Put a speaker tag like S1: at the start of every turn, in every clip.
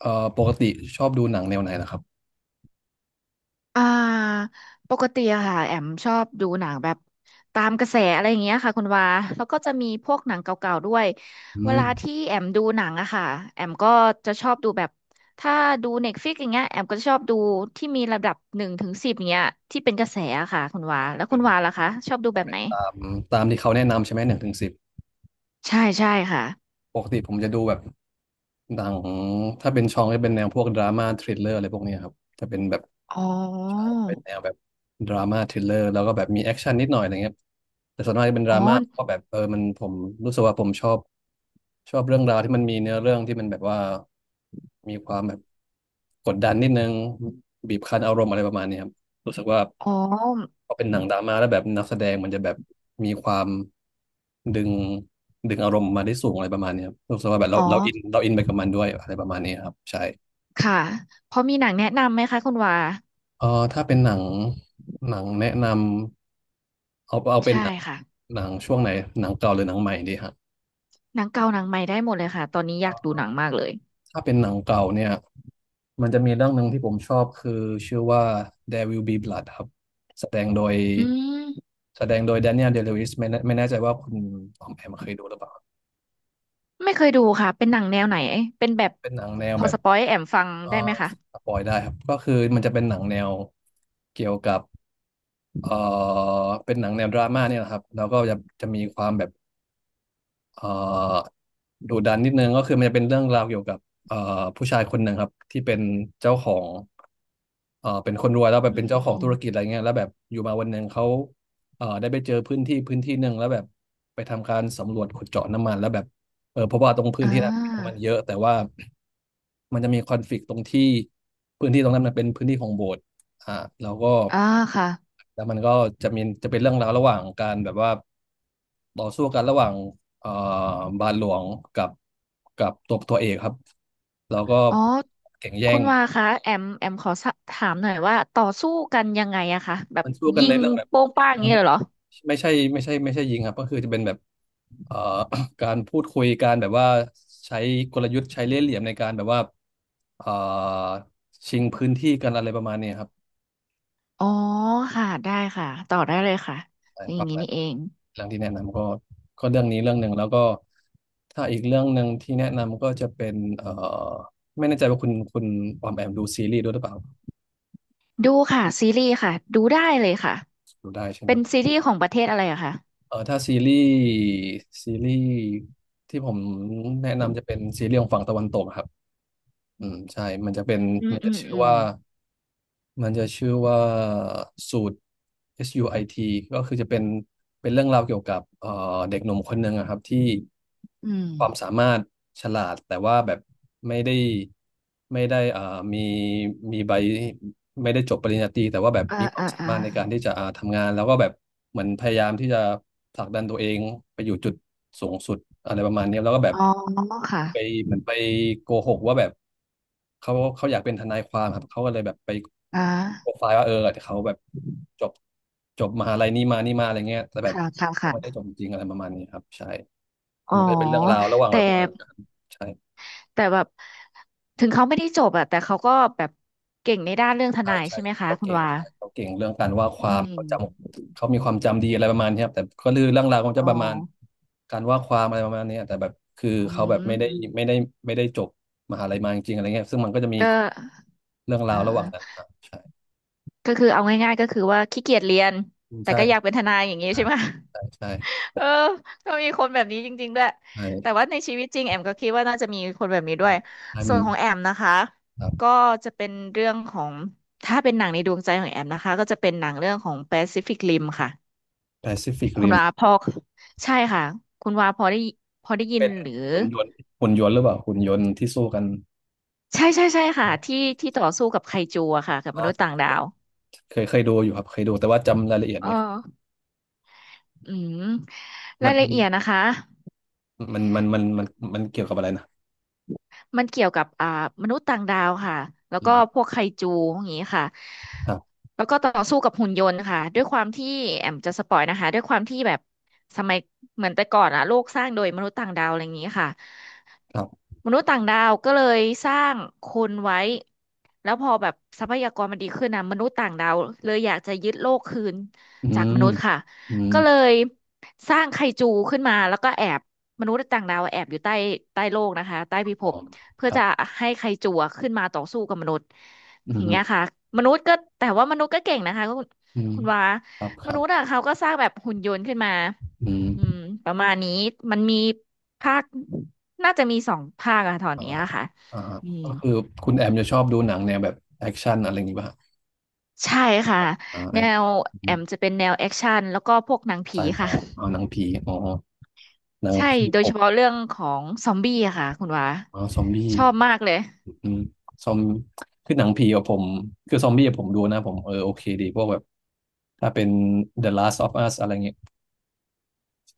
S1: ปกติชอบดูหนังแนวไหนล่ะครับ
S2: อ่าปกติอะค่ะแอมชอบดูหนังแบบตามกระแสอะไรอย่างเงี้ยค่ะคุณวาแล้วก็จะมีพวกหนังเก่าๆด้วย
S1: อื
S2: เว
S1: ม
S2: ลาที่แอมดูหนังอะค่ะแอมก็จะชอบดูแบบถ้าดูเน็ตฟลิกอย่างเงี้ยแอมก็จะชอบดูที่มีระดับ1 ถึง 10เงี้ยที่เป็นกระแสอะค่ะคุณวาแล้ว
S1: เป็
S2: คุ
S1: น
S2: ณวาล่ะคะชอบดูแบบไหน
S1: ตามตามที่เขาแนะนำใช่ไหมหนึ่งถึงสิบ
S2: ใช่ใช่ค่ะ
S1: ปกติผมจะดูแบบหนังถ้าเป็นช่องจะเป็นแนวพวกดราม่าทริลเลอร์อะไรพวกเนี้ยครับจะเป็นแบบ
S2: อ๋อ
S1: ใช่เป็นแนวแบบดราม่าทริลเลอร์แล้วก็แบบมีแอคชั่นนิดหน่อยอะไรเงี้ยแต่ส่วนมากจะเป็นด
S2: อ๋
S1: รา
S2: อ
S1: ม่าเพราะแบบมันผมรู้สึกว่าผมชอบชอบเรื่องราวที่มันมีเนื้อเรื่องที่มันแบบว่ามีความแบบกดดันนิดนึงบีบคั้นอารมณ์อะไรประมาณเนี้ยครับรู้สึกว่า
S2: อ๋อ
S1: พอเป็นหนังดราม่าแล้วแบบนักแสดงมันจะแบบมีความดึงดึงอารมณ์มาได้สูงอะไรประมาณเนี้ยครับรู้สึกว่าแบบ
S2: อ๋อ
S1: เราอินเราอินไปกับมันด้วยอะไรประมาณนี้ครับใช่
S2: ค่ะพอมีหนังแนะนำไหมคะคุณวา
S1: เออถ้าเป็นหนังหนังแนะนำเอาเป็น
S2: ใช่
S1: หนัง
S2: ค่ะ
S1: หนังช่วงไหนหนังเก่าหรือหนังใหม่ดีฮะ
S2: หนังเก่าหนังใหม่ได้หมดเลยค่ะตอนนี้อยากดูหนังมากเลย
S1: ถ้าเป็นหนังเก่าเนี่ยมันจะมีเรื่องหนึ่งที่ผมชอบคือชื่อว่า There Will Be Blood ครับแสดงโดย
S2: อืม
S1: แสดงโดยแดเนียลเดล i วิสไม่แน่ใจว่าคุณออมแอมเคยดูหรือเปล่า
S2: ไม่เคยดูค่ะเป็นหนังแนวไหนเป็นแบบ
S1: เป็นหนังแนว
S2: พอ
S1: แบบ
S2: สปอยให้แอมฟัง
S1: เอ่อ
S2: ได้ไหมคะ
S1: สปอยได้ครับก็คือมันจะเป็นหนังแนวเกี่ยวกับเอ่อเป็นหนังแนวดราม่าเนี่ยแหละครับแล้วก็จะจะมีความแบบ เอ่อดุดันนิดนึงก็คือมันจะเป็นเรื่องราวเกี่ยวกับเอ่อผู้ชายคนหนึ่งครับที่เป็นเจ้าของเป็นคนรวยแล้วแบบ
S2: อื
S1: เป็น
S2: มอื
S1: เจ้า
S2: ม
S1: ข
S2: อื
S1: อง
S2: ม
S1: ธุรกิจอะไรเงี้ยแล้วแบบอยู่มาวันหนึ่งเขาได้ไปเจอพื้นที่หนึ่งแล้วแบบไปทำการสำรวจขุดเจาะน้ำมันแล้วแบบเพราะว่าตรงพื้น
S2: อ่า
S1: ที่นั้นมีน้ำมันเยอะแต่ว่ามันจะมีคอนฟลิกต์ตรงที่พื้นที่ตรงนั้นมันเป็นพื้นที่ของโบสถ์อ่าแล้วก็
S2: อ่าค่ะ
S1: แล้วมันก็จะมีจะเป็นเรื่องราวระหว่างการแบบว่าต่อสู้กันระหว่าง เอ่อบาทหลวงกับกับตัวเอกครับแล้วก็
S2: อ๋อ
S1: แข่งแย่
S2: คุ
S1: ง
S2: ณวาคะแอมแอมขอสะถามหน่อยว่าต่อสู้กันยังไงอะคะแบบ
S1: มันสู้กัน
S2: ยิ
S1: ใน
S2: ง
S1: เรื่องแบบ
S2: โป้งป้างอ
S1: เอ่
S2: ย่า
S1: อ
S2: งนี้
S1: ไม่
S2: เลยเหรอ
S1: ไม่ใช่ไม่ใช่ยิงครับก็คือจะเป็นแบบเอ่อ การพูดคุยการแบบว่าใช้กลยุทธ์ใช้เล่ห์เหลี่ยมในการแบบว่าเอ่อชิงพื้นที่กันอะไรประมาณนี้ครับ
S2: อ๋อค่ะได้ค่ะต่อได้เลยค่ะ
S1: ใช่
S2: อ
S1: ป
S2: ย่าง
S1: ระ
S2: นี้
S1: มาณ
S2: นี่เอง
S1: เรื่องที่แนะนำก็ก็เรื่องนี้เรื่องหนึ่งแล้วก็ถ้าอีกเรื่องหนึ่งที่แนะนำก็จะเป็นไม่แน่ใจว่าคุณออมแอมดูซีรีส์ด้วยหรือเปล่า
S2: ดูค่ะซีรีส์ค่ะดูได้เลยค่ะ
S1: ดูได้ใช่ไห
S2: เป็
S1: ม
S2: นซีรีส์ของประเทศอะไรอะคะ
S1: เออถ้าซีรีส์ซีรีส์ที่ผมแนะนำจะเป็นซีรีส์ของฝั่งตะวันตกครับอืมใช่มันจะเป็น
S2: อืม
S1: มัน
S2: อื
S1: จะ
S2: ม
S1: ชื่อ
S2: อืม
S1: ว่า มันจะชื่อว่าสูตร SUIT ก็คือจะเป็นเป็นเรื่องราวเกี่ยวกับเด็กหนุ่มคนหนึ่งอะครับที่
S2: อืม
S1: ความสามารถฉลาดแต่ว่าแบบไม่ได้ไม่ได้มีมีใบไม่ได้จบปริญญาตรีแต่ว่าแบบ
S2: อ่า
S1: มีความ
S2: อ่า
S1: สา
S2: อ่า
S1: มารถในการที่จะอ่าทำงานแล้วก็แบบเหมือนพยายามที่จะผลักดันตัวเองไปอยู่จุดสูงสุดอะไรประมาณนี้แล้วก็แบบ
S2: อ๋อค่ะ
S1: ไปเหมือนไปโกหกว่าแบบเขาอยากเป็นทนายความครับเขาก็เลยแบบไป
S2: อ่
S1: โปร
S2: า
S1: ไฟล์ว่าเขาแบบจบจบมหาลัยนี้มานี่มาอะไรเงี้ยแต่แบบ
S2: ค่ะค่ะ
S1: เขาไม่ได้จ
S2: ค่ะ
S1: บจริงอะไรประมาณนี้ครับใช่แล้
S2: อ๋
S1: ว
S2: อ
S1: มันก็จะเป็นเรื่องราวระหว่าง
S2: แต่
S1: แบบกันใช่
S2: แต่แบบถึงเขาไม่ได้จบอะแต่เขาก็แบบเก่งในด้านเรื่องท
S1: ใช่
S2: นาย
S1: ใช่
S2: ใช่ไหมคะ
S1: เขา
S2: คุณ
S1: เก่ง
S2: วา
S1: ใช่เขาเก่งเรื่องการว่าควา
S2: อื
S1: มเขาจ
S2: ม
S1: ำเขามีความจำดีอะไรประมาณเนี้ยครับแต่ก็คือเรื่องราวของจะ
S2: อ๋อ
S1: ประมาณการว่าความอะไรประมาณเนี้ยแต่แบบคือ
S2: อื
S1: เขาแบบไม่ได้
S2: ม
S1: ไม่ได้จบมหาลัยมาจริงๆอะไรเงี้ยซึ่งมันก็จะมี
S2: ก็
S1: เรื่องรา
S2: อ่า
S1: วระห
S2: อ่า
S1: ว่างนั้นครับ
S2: ก็คือเอาง่ายๆก็คือว่าขี้เกียจเรียนแต่
S1: ใช่
S2: ก็อยากเป็นทนายอย่างนี้
S1: ใช่
S2: ใช่ไหม
S1: ใช่ใช่
S2: เออก็มีคนแบบนี้จริงๆด้วย แต่
S1: ใช่
S2: ว่าในชีวิตจริงแอมก็คิดว่าน่าจะมีคนแบบนี้ด้วย
S1: ใช่
S2: ส่
S1: มั
S2: ว
S1: น
S2: นของแอมนะคะ
S1: ครั
S2: ก็
S1: บ
S2: จะเป็นเรื่องของถ้าเป็นหนังในดวงใจของแอมนะคะก็จะเป็นหนังเรื่องของ Pacific Rim ค่ะ
S1: แปซิฟิก
S2: คุณ
S1: ริม
S2: วาพอใช่ค่ะ คุณวาพอได้ยิน
S1: เป็น
S2: หรือ
S1: หุ่นยนต์หุ่นยนต์หรือเปล่าหุ่นยนต์ที่สู้กัน
S2: ใช่ใช่ใช่ค่ะที่ที่ต่อสู้กับไคจูอะค่ะกับมนุษย์
S1: อ่า
S2: ต่างดาว
S1: เคยดูอยู่ครับเคยดูแต่ว่าจำรายละเอียด
S2: เอ
S1: ไม่ค่อย
S2: ออืม
S1: มั
S2: รา
S1: น
S2: ย
S1: เป็
S2: ละ
S1: น
S2: เอียดนะคะ
S1: มันมันเกี่ยวกับอะไรนะ
S2: มันเกี่ยวกับอ่ามนุษย์ต่างดาวค่ะ แล้ว
S1: อื
S2: ก็พ
S1: ม
S2: วกไคจูอย่างนี้ค่ะ
S1: ครับ
S2: แล้วก็ต่อสู้กับหุ่นยนต์ค่ะ ด้วยความที่แอมจะสปอยนะคะด้วยความที่แบบสมัยเหมือนแต่ก่อนอะโลกสร้างโดยมนุษย์ต่างดาวอะไรอย่างนี้ค่ะ
S1: ครับ
S2: มนุษย์ต่างดาวก็เลยสร้างคนไว้ แล้วพอแบบทรัพยากรมันดีขึ้นนะมนุษย์ต่างดาวเลยอยากจะยึดโลกคืน
S1: อื
S2: จาก
S1: ม
S2: มนุษย์ค่ะ
S1: อืม
S2: ก็เลยสร้างไคจูขึ้นมาแล้วก็แอบมนุษย์ต่างดาวแอบอยู่ใต้โลกนะคะใต้พิภ
S1: อ๋อ
S2: พเพื่
S1: ค
S2: อ
S1: รับ
S2: จะให้ไคจูอะขึ้นมาต่อสู้กับมนุษย์
S1: อื
S2: อย่างเงี้ย
S1: ม
S2: ค่ะมนุษย์ก็แต่ว่ามนุษย์ก็เก่งนะคะคุณ
S1: อืม
S2: คุณวา
S1: ครับค
S2: ม
S1: รั
S2: นุ
S1: บ
S2: ษย์อะเขาก็สร้างแบบหุ่นยนต์ขึ้นมา
S1: อืม
S2: อืมประมาณนี้มันมีภาคน่าจะมี2 ภาคอะตอน
S1: อ่า
S2: เนี้ยค่ะ
S1: อ่า
S2: อืม
S1: ก็คือคุณแอมจะชอบดูหนังแนวแบบแอคชั่นอะไรอย่างงี้ป่ะฮะ
S2: ใช่ค่ะ
S1: อ่า
S2: แนว
S1: ไอ้
S2: แอมจะเป็นแนวแอคชั่นแล้วก็พวกหนัง
S1: ไซ
S2: ผีค่ะ
S1: ไฟาอ๋อหนังผีอ๋อหนั ง
S2: ใช่
S1: ผี
S2: โด
S1: ผ
S2: ยเฉ
S1: ม
S2: พาะเรื่องของซอมบี้อะค่ะคุณวา
S1: อ๋อซอมบี้
S2: ชอบมากเลย
S1: อืมซอมคือหนังผีกับผมคือซอมบี้อะผมดูนะผมเออโอเคดีพวกแบบถ้าเป็น The Last of Us อะไรเงี้ย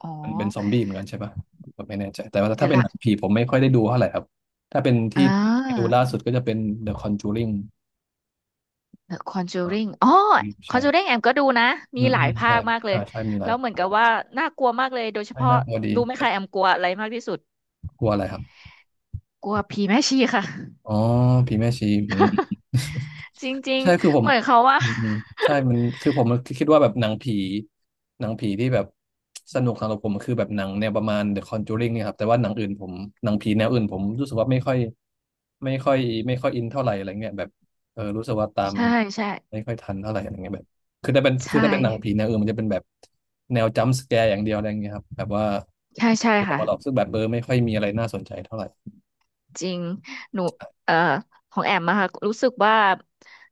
S2: อ๋อ
S1: มันเป็นซอมบี้เหมือนกันใช่ปะผมไม่แน่ใจแต่ว่า
S2: เดี๋
S1: ถ้า
S2: ยว
S1: เป็น
S2: ละ
S1: หนังผีผมไม่ค่อยได้ดูเท่าไหร่ครับ ถ้าเป็นที่
S2: อ่า
S1: ดูล่าสุดก็จะเป็น The Conjuring
S2: The
S1: อ่า
S2: Conjuring อ๋อ
S1: ใช่
S2: Conjuring แอมก็ดูนะมี
S1: อืม
S2: ห
S1: อื
S2: ลาย
S1: ม
S2: ภา
S1: ใช่
S2: คมากเลย
S1: อ่าใช่มีหลา
S2: แล้
S1: ย
S2: วเหมือนกับว่าน่ากลัวมากเลยโดยเฉ
S1: ใช่
S2: พาะ
S1: น่ากลัวดี
S2: รู้ไหม
S1: แต่
S2: คะแอมกลัวอะไรมากที่สุด
S1: กลัวอะไรครับ
S2: กลัวผีแม่ชีค่ะ
S1: อ๋อผีแม่ชีอืม
S2: จ ริง
S1: ใช่คือผ
S2: ๆ
S1: ม
S2: เหมือนเขาว่า
S1: อืมอืมใช่มันคือผมคิดว่าแบบหนังผีหนังผีที่แบบสนุกสำหรับผมคือแบบหนังแนวประมาณ The Conjuring เนี่ยครับแต่ว่าหนังอื่นผมหนังผีแนวอื่นผมรู้สึกว่าไม่ค่อยไม่ค่อยอินเท่าไหร่อะไรเงี้ยแบบเออรู้สึกว่าตา ม
S2: ใช่ใช่
S1: ไม่ค่อยทันเท่าไหร่อะไรเงี้ยแบบคือถ้าเป็นคือ
S2: ใช่
S1: ถ้าเป็นหนังผีแนวอื่นมันจะเป็นแบบแนวจัมป์สแกร์อย่างเดียวอะไรเงี้ยครับแบบว่า
S2: ใช่ใช่
S1: เรา
S2: ค่ะ
S1: หลอกซึ่งแบบเออไม่ค่อยมีอะไรน่าสนใจเท่าไหร่
S2: จริงหนูเอ่อของแอมอะค่ะรู้สึกว่า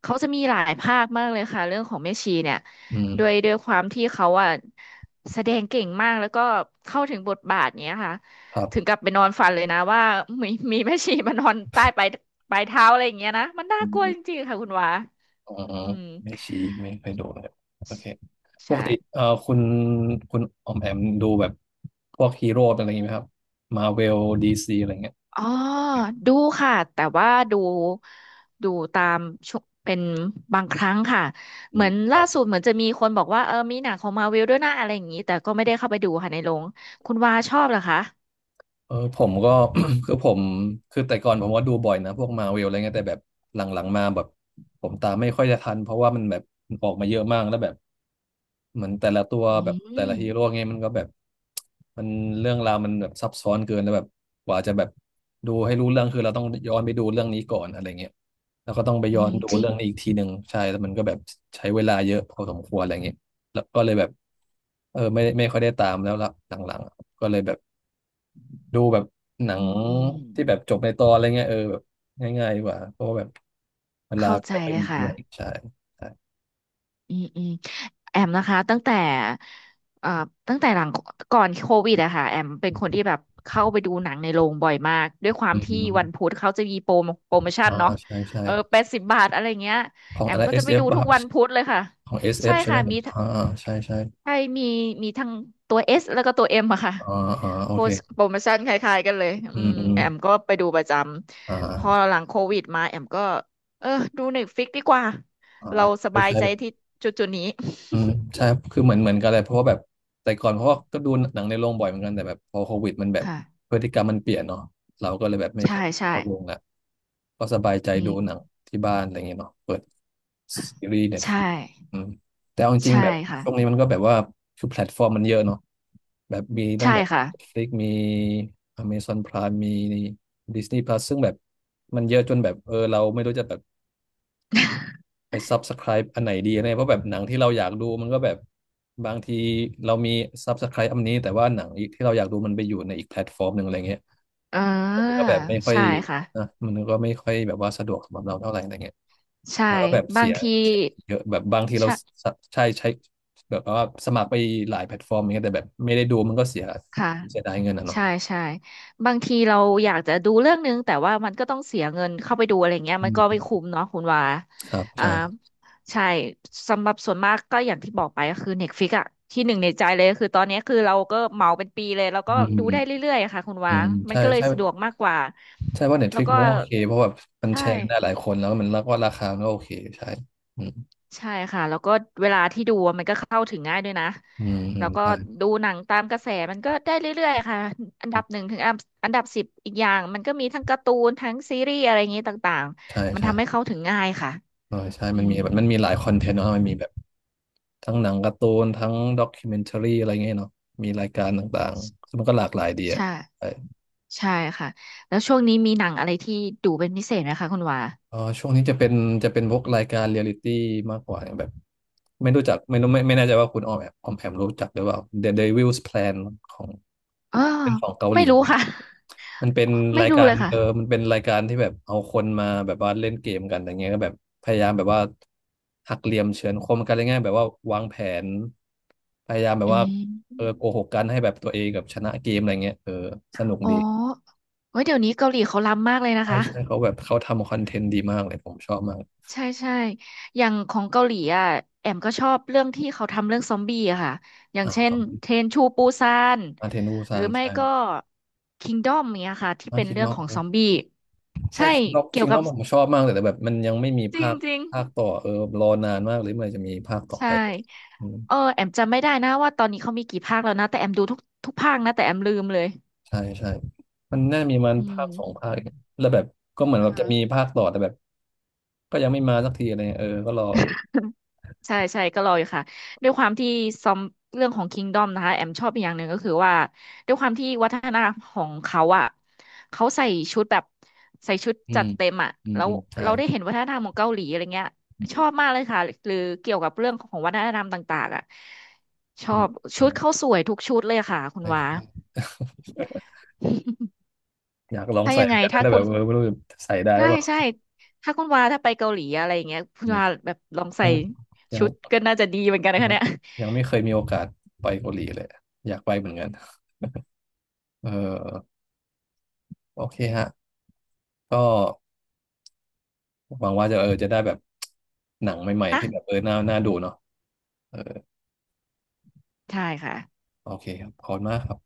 S2: เขาจะมีหลายภาคมากเลยค่ะเรื่องของแม่ชีเนี่ย
S1: อืม
S2: ด้วยความที่เขาอะแสดงเก่งมากแล้วก็เข้าถึงบทบาทเนี้ยค่ะ
S1: ครับ
S2: ถึงกับไปนอนฝันเลยนะว่ามีแม่ชีมานอนใต้ปลายเท้าอะไรอย่างเงี้ยนะมันน่ากลัวจริงๆค่ะคุณวา
S1: อ๋อ
S2: อืม
S1: แม่ชีไม่เคยดูเลยโอเคป
S2: ใช่
S1: กติคุณคุณออมแอมดูแบบพวกฮีโร่อะไรอย่างงี้ไหมครับมาเวลดีซีอะไรเงี้ย
S2: อ๋อ ดูค่ะ แต่ว่าดูดูตามช่วงเป็นบางครั้งค่ะ
S1: อื
S2: เหมื
S1: ม
S2: อน
S1: ค
S2: ล่า
S1: รับ
S2: สุดเหมือนจะมีคนบอกว่าเออ มีหนังของมาวิลด้วยนะอะไรอย่างนี้ แต่ก็ไม่ได้เข้าไปดูค่ะในโรงคุณวาชอบเหรอคะ
S1: เออผมก็ คือผมคือแต่ก่อนผมก็ดูบ่อยนะพวกมาเวลอะไรเงี้ยแต่แบบหลังๆมาแบบผมตามไม่ค่อยจะทันเพราะว่ามันแบบออกมาเยอะมากแล้วแบบเหมือนแต่ละตัว
S2: อื
S1: แบบแต่
S2: ม
S1: ละฮีโร่เงี้ยมันก็แบบมันเรื่องราวมันแบบซับซ้อนเกินแล้วแบบกว่าจะแบบดูให้รู้เรื่องคือเราต้องย้อนไปดูเรื่องนี้ก่อนอะไรเงี้ยแล้วก็ต้องไป
S2: อื
S1: ย้อน
S2: ม
S1: ดู
S2: จริง
S1: เรื่องนี้อีกทีหนึ่งใช่แล้วมันก็แบบใช้เวลาเยอะพอสมควรอะไรเงี้ยแล้วก็เลยแบบเออไม่ค่อยได้ตามแล้วละหลังๆก็เลยแบบ ดูแบบหนั
S2: อื
S1: ง
S2: มอืม
S1: ที่แบบจบในตอนอะไรเงี้ยเออแบบง่ายๆดีกว่าเพราะว่าแบบเวลา
S2: เข้าใจ
S1: ไม่ค่อย
S2: เลย
S1: มี
S2: ค่ะ
S1: ด้วยใช่ใช่
S2: อืมอืมแอมนะคะตั้งแต่เอ่อหลังก่อนโควิดอะค่ะแอมเป็นคนที่แบบเข้าไปดูหนังในโรงบ่อยมากด้วยควา
S1: อื
S2: มที่
S1: ม
S2: วันพุธเขาจะมีโปรโมปรโมชั่น
S1: อ่า
S2: เนาะ
S1: ใช่ใช่
S2: เออ80 บาทอะไรเงี้ย
S1: ของ
S2: แอ
S1: อะ
S2: ม
S1: ไร
S2: ก็จะไป
S1: SF
S2: ดู
S1: ป่ะ
S2: ทุ
S1: ค
S2: ก
S1: รับ
S2: วันพุธเลยค่ะ
S1: ของ
S2: ใช่
S1: SF ใช่ไหม
S2: ค่ะมีทั้ง
S1: อ่าใช่ใช่
S2: ใช่มีมีทั้งตัวเอสแล้วก็ตัวเอ็มอะค่ะ
S1: อ่าอ่าโอ
S2: โปร
S1: เค
S2: โปรโมชั่นคล้ายๆกันเลย
S1: อื
S2: อื
S1: ม
S2: ม
S1: อืม
S2: แอมก็ไปดูประจำพอ
S1: อ่า
S2: หลังโควิดมาแอมก็เออดูเน็ตฟลิกดีกว่า
S1: อ่า
S2: เราส
S1: ใช่
S2: บาย
S1: ใช่
S2: ใจ
S1: แบบ
S2: ที่จุดๆนี้
S1: อืมใช่ครับคือเหมือนกันเลยเพราะว่าแบบแต่ก่อนเพราะว่าก็ดูหนังในโรงบ่อยเหมือนกันแต่แบบพอโควิดมันแบบ
S2: ค่ะ
S1: พฤติกรรมมันเปลี่ยนเนาะเราก็เลยแบบไม่
S2: ใช่
S1: ค่อย
S2: ใช่
S1: เข้าโรงละก็สบายใจ
S2: อื
S1: ดูหนัง
S2: ม
S1: ที่บ้านอะไรเงี้ยเนาะเปิดซีรีส์เน็ตฟ
S2: ใช่
S1: ลิกอืมแต่เอาจริง
S2: ใช่
S1: ๆแบบ
S2: ค่ะ
S1: ช่วงนี้มันก็แบบว่าคือแพลตฟอร์มมันเยอะเนาะแบบมีตั้
S2: ใช่
S1: งแบบ
S2: ค่ะ
S1: Netflix มี Amazon Prime มี Disney Plus ซึ่งแบบมันเยอะจนแบบเออเราไม่รู้จะแบบ ไปซับสไ r i b e อันไหนดีอะไรเพราะแบบหนังที่เราอยากดูมันก็แบบบางทีเรามีซ u บสไค i b e อันนี้แต่ว่าหนังอีกที่เราอยากดูมันไปอยู่ในอีกแพลตฟอร์มหนึ่งอะไรเงี้ย
S2: เอ
S1: มั
S2: อ
S1: นก็แบบไม่ค่อย
S2: ใช่ค่ะ
S1: นะมันก็ไม่ค่อยแบบว่าสะดวกสำหรับเราเท่าไหร่อะไรเงี้ย
S2: ใช่
S1: แล้วก็แบบ
S2: บา
S1: เสี
S2: ง
S1: ย
S2: ที
S1: เสียเยอะแบบบางทีเรา
S2: ใช่
S1: สะใช่ใช้แบบว่าสมัครไปหลายแพลตฟอร์มอย่างเงี้ยแต่แบบไม่ได้ดูมันก็เสีย
S2: ค่ะ
S1: เสียดายเงินอ่ะ
S2: ใช่
S1: เนาะ
S2: ใช่บางทีเราอยากจะดูเรื่องนึงแต่ว่ามันก็ต้องเสียเงินเข้าไปดูอะไรเงี้ย
S1: อื
S2: มันก็ไม่
S1: ม
S2: คุ้มเนาะคุณว่า
S1: ครับ
S2: อ่า
S1: ใช่
S2: ใช่สำหรับส่วนมากก็อย่างที่บอกไปก็คือ Netflix อะที่หนึ่งในใจเลยคือตอนนี้คือเราก็เหมาเป็นปีเลยแล้ว
S1: อื
S2: ก็
S1: ม
S2: ดูได้เรื่อยๆอะค่ะคุณ
S1: อื
S2: ว่า
S1: ม
S2: มัน
S1: ใช่
S2: ก็เลย
S1: ใช่
S2: สะดวกมากกว่า
S1: ใช่ว่าเน็ตฟ
S2: แล้ว
S1: ลิก
S2: ก็
S1: มันก็โอเคเพราะแบบมัน
S2: ใช่
S1: แชร์กันได้หลายคนแล้วมันรักว่าราคามันก็โอเคใช่อืม
S2: ใช่ค่ะแล้วก็เวลาที่ดูอะมันก็เข้าถึงง่ายด้วยนะ
S1: อืม
S2: แล้วก็
S1: อ
S2: ดูหนังตามกระแสมันก็ได้เรื่อยๆค่ะอันดั
S1: ื
S2: บ
S1: ม
S2: หนึ่งถึงอันดับ10อีกอย่างมันก็มีทั้งการ์ตูนทั้งซีรีส์อะไรอย่างนี้ต่าง
S1: ใช่
S2: ๆมัน
S1: ใช่
S2: ทำให้
S1: ใช่
S2: เข้าถึงง่ายค่ะ
S1: เออใช่
S2: อื
S1: มันมี
S2: ม
S1: แบบมันมีหลายคอนเทนต์เนาะมันมีแบบทั้งหนังการ์ตูนทั้งด็อกิเมนทารีอะไรเงี้ยเนาะมีรายการต่างๆซึ่งมันก็หลากหลายดีอ่ะ
S2: ใช่
S1: ใช่
S2: ใช่ค่ะแล้วช่วงนี้มีหนังอะไรที่ดูเป็นพิเศษไหมคะคุณวา
S1: เออช่วงนี้จะเป็นพวกรายการเรียลิตี้มากกว่าอย่างแบบไม่รู้จักไม่รู้ไม่ไม่แน่ใจว่าคุณออมแอมรู้จักหรือเปล่า The Devil's Plan ของ
S2: อ๋อ
S1: เป็นของเกาห
S2: ไม่
S1: ลี
S2: รู้ค่ะ
S1: มันเป็น
S2: ไม่
S1: ราย
S2: รู้
S1: กา
S2: เล
S1: ร
S2: ยค่ะ
S1: เออมันเป็นรายการที่แบบเอาคนมาแบบว่าเล่นเกมกันอย่างเงี้ยก็แบบพยายามแบบว่าหักเหลี่ยมเฉือนคมกันอะไรเงี้ยแบบว่าวางแผนพยายามแบบ
S2: อื
S1: ว่าเอ
S2: ม
S1: อโกหกกันให้แบบตัวเองกับชนะเกมอะไรเงี้ยเออสนุก
S2: อ๋อ
S1: ดี
S2: เฮ้ยเดี๋ยวนี้เกาหลีเขาล้ำมากเลยนะ
S1: ใช่
S2: คะ
S1: ใช่เขาแบบเขาทำคอนเทนต์ดีมากเลยผมชอบมาก
S2: ใช่ใช่อย่างของเกาหลีอ่ะแอมก็ชอบเรื่องที่เขาทำเรื่องซอมบี้อะค่ะ อย่าง
S1: อ่า
S2: เช่
S1: ค
S2: น
S1: วาม
S2: เทรนชูปูซาน
S1: อาเทนู
S2: ห
S1: ซา
S2: รือ
S1: น
S2: ไม่
S1: ใช่
S2: ก็คิงดอมเนี้ยค่ะที่
S1: มา
S2: เป็น
S1: คิง
S2: เรื่
S1: น
S2: อง
S1: อก
S2: ของซอมบี้
S1: ใช่
S2: ใช่
S1: คิงนอก
S2: เกี่ย
S1: คิ
S2: ว
S1: งน
S2: กั
S1: อ
S2: บ
S1: กผมชอบมากเลยแต่แบบมันยังไม่มี
S2: จริ
S1: ภา
S2: ง
S1: ค
S2: จริง
S1: ภาคต่อเออรอนานมากเลยเมื่อไหร่จะมีภาคต่อ
S2: ใช่
S1: ไปอืม
S2: เออแอมจำไม่ได้นะว่าตอนนี้เขามีกี่ภาคแล้วนะแต่แอมดูทุกภาคนะแต่แอมลืมเลย
S1: ใช่ใช่ มันน่ามีมัน
S2: อื
S1: ภาคสอง
S2: ม
S1: ภาคเนี่ยแล้วแบบก็เหมือนแบ
S2: อ่า
S1: บจะมีภาคต่อแต่แบบก็ยังไม่มาสักทีอะไรเงี้ยเออก็รอ
S2: ใช่ใช่ก็รออยู่ค่ะด้วยความที่ซอมเรื่องของ Kingdom นะคะแอมชอบอีกอย่างหนึ่งก็คือว่าด้วยความที่วัฒนธรรมของเขาอ่ะเขาใส่ชุดแบบใส่ชุด
S1: อื
S2: จั
S1: ม
S2: ดเต็มอ่ะ
S1: อืม
S2: แล้ว
S1: อืมใช่
S2: เราได้เห็นวัฒนธรรมของเกาหลีอะไรเงี้ยชอบมากเลยค่ะหรือเกี่ยวกับเรื่องของวัฒนธรรมต่างๆอ่ะช
S1: อื
S2: อ
S1: ม
S2: บชุ
S1: ใช่
S2: ดเขาสวยทุกชุดเลยค่ะคุณ
S1: ใช่
S2: วา
S1: ใช่ อยากลอง
S2: ถ้า
S1: ใส่
S2: ยัง
S1: เหมื
S2: ไง
S1: อนกันนะ
S2: ถ้า
S1: แต่
S2: คุ
S1: แบบ
S2: ณ
S1: เออไม่รู้จะใส่ได้ห
S2: ใช่
S1: รือเปล่า
S2: ใช่ถ้าคุณวาถ้าไปเกาหลีอะไรอย่างเงี้ยคุ
S1: อื
S2: ณ
S1: ม
S2: วาแบบลอง
S1: ยั
S2: ใส่
S1: งยัง
S2: ชุดก็น่าจะดีเหมือนกันนะคะ
S1: ยัง
S2: เนี่ย
S1: ยังไม่เคยมีโอกาสไปเกาหลีเลยอยากไปเหมือนกันเออโอเคฮะ ก็หวังว่าจะเออจะได้แบบหนังใหม่ๆที่แบบเออน่าน่าดูเนาะเออ
S2: ใช่ค่ะ
S1: โอเคครับขอบคุณมากครับ